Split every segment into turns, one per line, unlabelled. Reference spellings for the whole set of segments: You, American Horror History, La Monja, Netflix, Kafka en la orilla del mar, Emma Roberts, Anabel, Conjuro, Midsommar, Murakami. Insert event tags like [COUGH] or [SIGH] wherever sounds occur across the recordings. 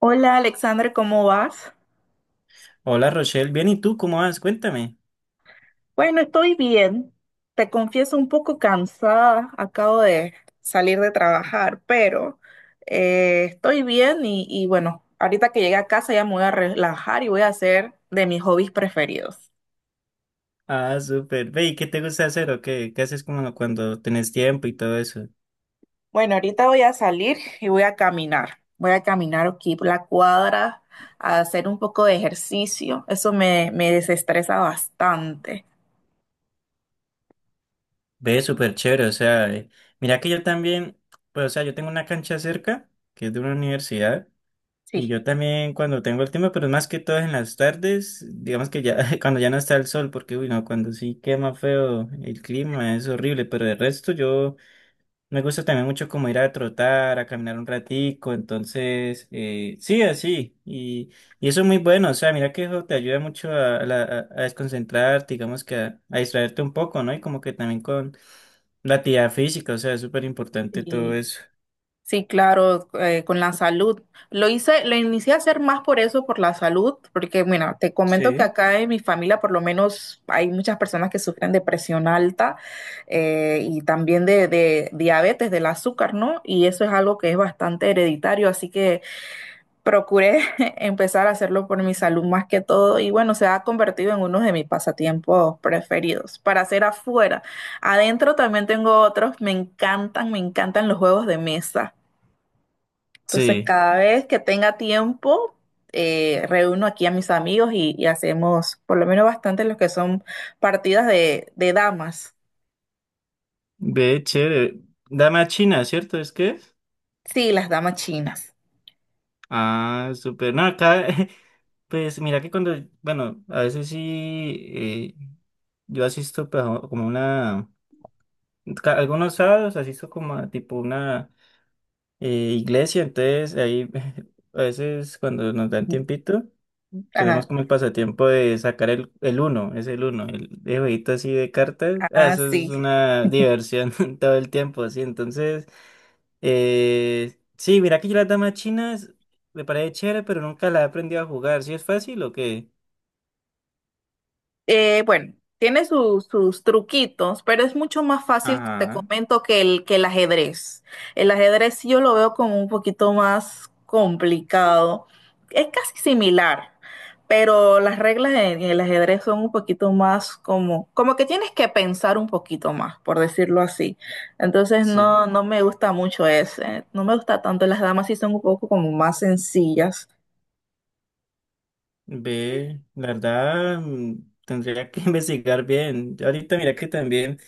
Hola Alexandra, ¿cómo vas?
Hola Rochelle, bien, ¿y tú cómo vas? Cuéntame.
Bueno, estoy bien. Te confieso un poco cansada. Acabo de salir de trabajar, pero estoy bien y bueno, ahorita que llegue a casa ya me voy a relajar y voy a hacer de mis hobbies preferidos.
Ah, súper. Ve, ¿y qué te gusta hacer o qué? ¿Qué haces como cuando tenés tiempo y todo eso?
Bueno, ahorita voy a salir y voy a caminar. Voy a caminar aquí por la cuadra a hacer un poco de ejercicio. Eso me desestresa bastante.
Ve, súper chévere, o sea, mira que yo también, pues, o sea, yo tengo una cancha cerca, que es de una universidad, y
Sí.
yo también cuando tengo el tiempo, pero es más que todo en las tardes, digamos que ya, [LAUGHS] cuando ya no está el sol, porque, uy, no, cuando sí quema feo el clima, es horrible, pero de resto yo... Me gusta también mucho como ir a trotar, a caminar un ratico, entonces, sí, así, y eso es muy bueno, o sea, mira que eso te ayuda mucho a desconcentrarte, digamos que a distraerte un poco, ¿no? Y como que también con la actividad física, o sea, es súper importante todo
Sí.
eso.
Sí, claro, con la salud. Lo hice, lo inicié a hacer más por eso, por la salud, porque, mira, te comento que
Sí.
acá en mi familia por lo menos hay muchas personas que sufren de presión alta y también de diabetes, del azúcar, ¿no? Y eso es algo que es bastante hereditario, así que procuré [LAUGHS] empezar a hacerlo por mi salud más que todo y bueno, se ha convertido en uno de mis pasatiempos preferidos para hacer afuera. Adentro también tengo otros, me encantan los juegos de mesa. Entonces,
Sí,
cada vez que tenga tiempo, reúno aquí a mis amigos y hacemos por lo menos bastante los que son partidas de damas.
ve, chévere. Dame a China, ¿cierto? ¿Es que? ¿Es?
Sí, las damas chinas.
Ah, súper. No, acá, [LAUGHS] pues mira que cuando, bueno, a veces sí, eh, yo asisto pues, como una... algunos sábados asisto como a tipo una eh, iglesia, entonces ahí [LAUGHS] a veces cuando nos dan tiempito, tenemos
Ajá,
como el pasatiempo de sacar el uno, es el uno, el jueguito así de cartas, ah,
ah,
eso es
sí.
una diversión [LAUGHS] todo el tiempo, sí, entonces... Sí, mira que yo las damas chinas me parece chévere, pero nunca la he aprendido a jugar. ¿Sí es fácil o qué?
Bueno, tiene sus truquitos, pero es mucho más fácil, te
Ajá,
comento, que que el ajedrez. El ajedrez sí yo lo veo como un poquito más complicado. Es casi similar, pero las reglas en el ajedrez son un poquito más como, como que tienes que pensar un poquito más, por decirlo así. Entonces
sí.
no, no me gusta mucho ese. No me gusta tanto. Las damas sí son un poco como más sencillas.
Ve, la verdad, tendría que [LAUGHS] investigar bien. Yo ahorita mira que también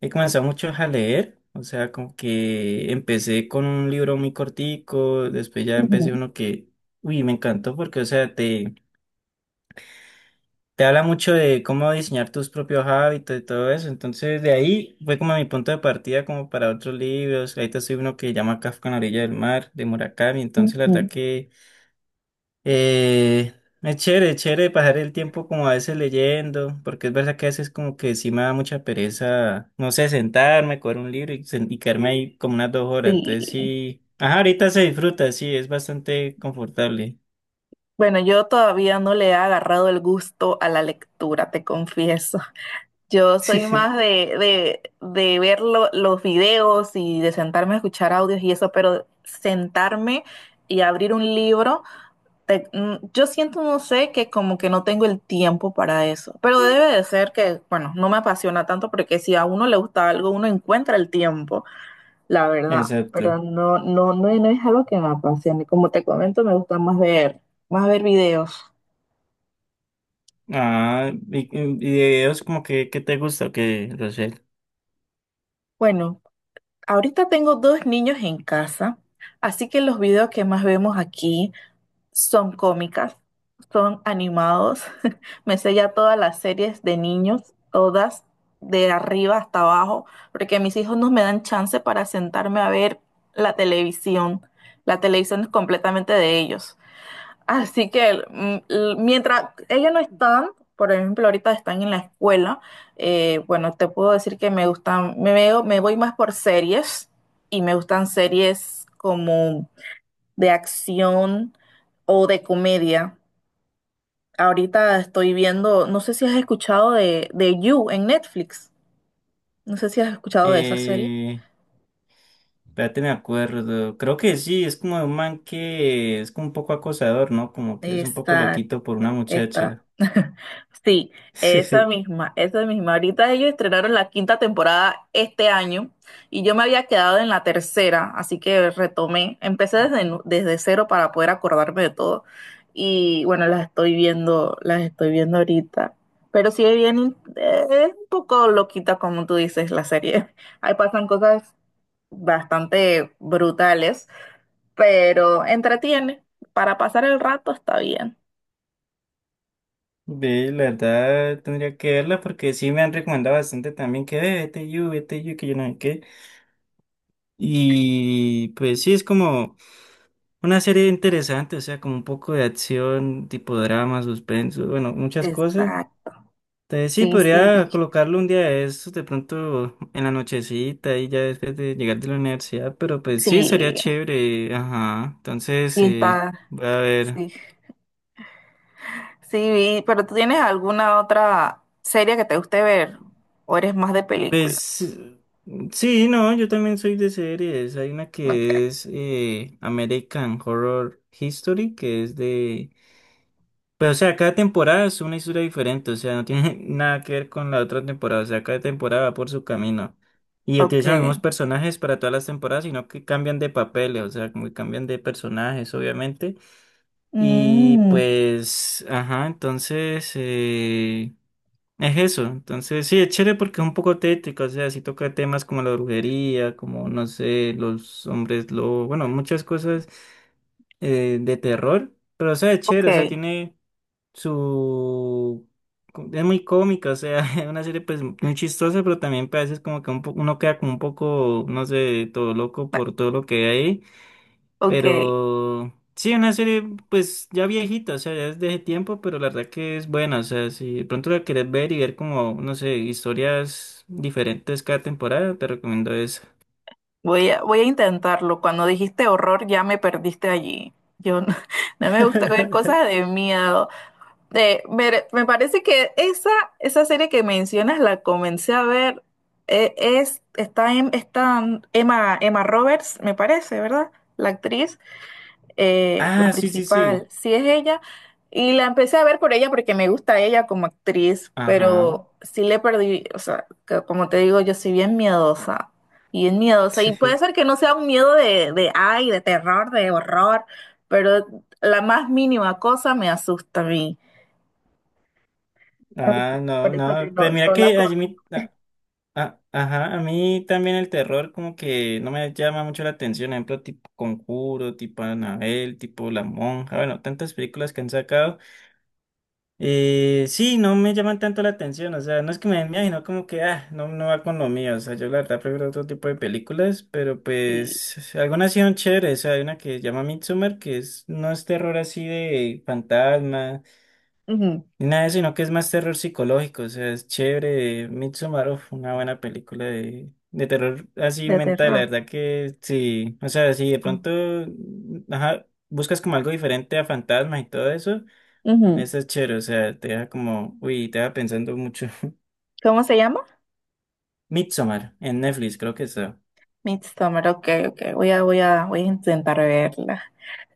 he comenzado mucho a leer, o sea, como que empecé con un libro muy cortico, después ya empecé
Ujú,
uno que, uy, me encantó porque, o sea, te habla mucho de cómo diseñar tus propios hábitos y todo eso. Entonces, de ahí fue como mi punto de partida como para otros libros. Ahorita estoy uno que llama Kafka en la orilla del mar, de Murakami. Entonces, la verdad
ujú.
que... Eh, es chévere, es chévere pasar el tiempo como a veces leyendo, porque es verdad que a veces como que sí me da mucha pereza, no sé, sentarme, coger un libro y quedarme ahí como unas 2 horas. Entonces
Sí.
sí, ajá, ahorita se disfruta, sí, es bastante confortable.
Bueno, yo todavía no le he agarrado el gusto a la lectura, te confieso. Yo soy más
[LAUGHS]
de ver los videos y de sentarme a escuchar audios y eso, pero sentarme y abrir un libro, yo siento, no sé, que como que no tengo el tiempo para eso. Pero debe de ser que, bueno, no me apasiona tanto porque si a uno le gusta algo, uno encuentra el tiempo, la verdad. Pero
Exacto.
no, no, no, no es algo que me apasione. Como te comento, me gusta más ver videos.
Ah, y de videos como que, ¿qué te gusta o qué, Rosel?
Bueno, ahorita tengo dos niños en casa, así que los videos que más vemos aquí son cómicas, son animados. [LAUGHS] Me sé ya todas las series de niños, todas, de arriba hasta abajo, porque mis hijos no me dan chance para sentarme a ver la televisión. La televisión es completamente de ellos. Así que mientras ellos no están, por ejemplo, ahorita están en la escuela, bueno, te puedo decir que me gustan, me veo, me voy más por series y me gustan series como de acción o de comedia. Ahorita estoy viendo, no sé si has escuchado de You en Netflix, no sé si has escuchado de esa serie.
Eh, espérate, me acuerdo. Creo que sí, es como de un man que es como un poco acosador, ¿no? Como que es un poco loquito por una
Exacto,
muchacha.
esta. [LAUGHS] Sí, esa
[LAUGHS]
misma, esa misma. Ahorita ellos estrenaron la quinta temporada este año y yo me había quedado en la tercera, así que retomé, empecé desde, desde cero para poder acordarme de todo. Y bueno, las estoy viendo ahorita. Pero sí es bien, es un poco loquita como tú dices la serie. [LAUGHS] Ahí pasan cosas bastante brutales, pero entretiene. Para pasar el rato está bien.
Ve, la verdad tendría que verla porque sí me han recomendado bastante también que ve, vete you, que yo no sé qué. Y pues sí, es como una serie interesante, o sea, como un poco de acción, tipo drama, suspenso, bueno, muchas cosas.
Está,
Entonces sí,
sí, sí,
podría colocarlo un día de estos, de pronto en la nochecita y ya después de llegar de la universidad, pero pues sí, sería
sí,
chévere, ajá. Entonces,
sí está,
voy a ver.
sí, sí, vi, pero ¿tú tienes alguna otra serie que te guste ver? ¿O eres más de película?
Pues sí, no, yo también soy de series. Hay una que
Ok,
es American Horror History, que es de... Pero o sea, cada temporada es una historia diferente, o sea, no tiene [LAUGHS] nada que ver con la otra temporada, o sea, cada temporada va por su camino. Y
ok,
utilizan los mismos personajes para todas las temporadas, sino que cambian de papeles, o sea, como que cambian de personajes, obviamente. Y
mm,
pues, ajá, entonces... es eso, entonces sí, es chévere porque es un poco tétrico, o sea, sí toca temas como la brujería, como no sé, los hombres lobo, bueno, muchas cosas de terror, pero o sea, es
ok,
chévere, o sea, tiene su... Es muy cómica, o sea, [LAUGHS] es una serie pues muy chistosa, pero también pues, a veces como que uno queda como un poco, no sé, todo loco
ah,
por todo lo que hay,
ok,
pero sí, una serie pues ya viejita, o sea, ya es de ese tiempo, pero la verdad que es buena, o sea, si de pronto la querés ver y ver como, no sé, historias diferentes cada temporada, te recomiendo esa.
voy a, voy a intentarlo. Cuando dijiste horror ya me perdiste allí. Yo no, [LAUGHS] no me gusta ver
[LAUGHS]
cosas de miedo. Me parece que esa serie que mencionas la comencé a ver. Está Emma, Emma Roberts, me parece, ¿verdad? La actriz, la
Ah, sí, sí,
principal,
sí.
sí es ella. Y la empecé a ver por ella porque me gusta ella como actriz,
Ajá.
pero sí le perdí, o sea, que como te digo, yo soy bien miedosa, bien miedosa. Y puede
[LAUGHS]
ser que no sea un miedo de ay, de terror, de horror, pero la más mínima cosa me asusta a mí. Así
Ah,
que
no,
por eso que
no.
no,
Pues mira
no la
que a mí, ajá, a mí también el terror como que no me llama mucho la atención. Por ejemplo, tipo Conjuro, tipo Anabel tipo La Monja. Bueno, tantas películas que han sacado. Sí, no me llaman tanto la atención, o sea, no es que me den miedo, sino como que, ah, no, no va con lo mío, o sea, yo la verdad prefiero otro tipo de películas, pero
conocí.
pues algunas sí son chéveres, o sea, hay una que se llama Midsommar, no es terror así de fantasma,
Ujú.
ni nada de eso, sino que es más terror psicológico, o sea, es chévere, Midsommar, uf, una buena película de terror así
De
mental, la
terror.
verdad que sí, o sea, si de
Ah.
pronto, ajá, buscas como algo diferente a fantasmas y todo eso.
Ujú.
Esa es chévere, o sea, te deja como, uy, te deja pensando mucho. [LAUGHS]
¿Cómo se llama?
Midsommar, en Netflix, creo que está.
Midsommar, ok, ok, voy a, voy a, voy a intentar verla.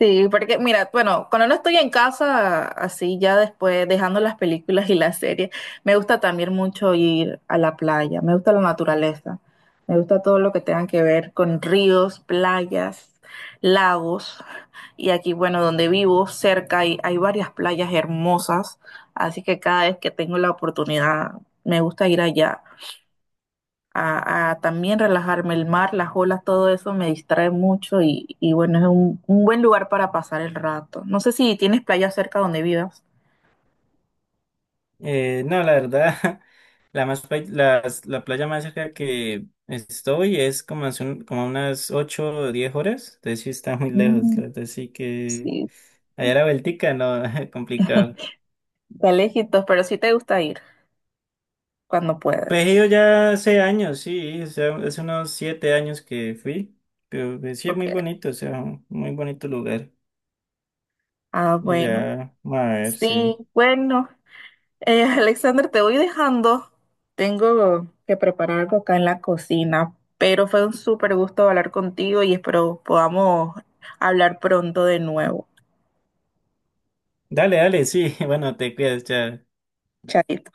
Sí, porque mira, bueno, cuando no estoy en casa, así ya después dejando las películas y las series, me gusta también mucho ir a la playa, me gusta la naturaleza, me gusta todo lo que tenga que ver con ríos, playas, lagos, y aquí, bueno, donde vivo, cerca hay, hay varias playas hermosas, así que cada vez que tengo la oportunidad, me gusta ir allá a también relajarme. El mar, las olas, todo eso me distrae mucho y bueno, es un buen lugar para pasar el rato. No sé si tienes playa cerca donde vivas.
No, la verdad, [LAUGHS] la playa más cerca que estoy es como, como unas 8, o 10 horas, entonces sí está muy lejos,
Mm,
la verdad, sí que
sí,
allá la vueltica, no, [LAUGHS] complicado.
[LAUGHS] está lejitos, pero sí te gusta ir cuando puedes.
Pues he ido ya hace años, sí, o sea, hace unos 7 años que fui, pero pues, sí es
Ok.
muy bonito, o sea, un muy bonito lugar.
Ah,
Y
bueno.
ya, a ver,
Sí,
sí.
bueno. [LAUGHS] Alexander, te voy dejando. Tengo que preparar algo acá en la cocina, pero fue un súper gusto hablar contigo y espero podamos hablar pronto de nuevo.
Dale, dale, sí, [LAUGHS] bueno, te cuidas, chao.
Chaito.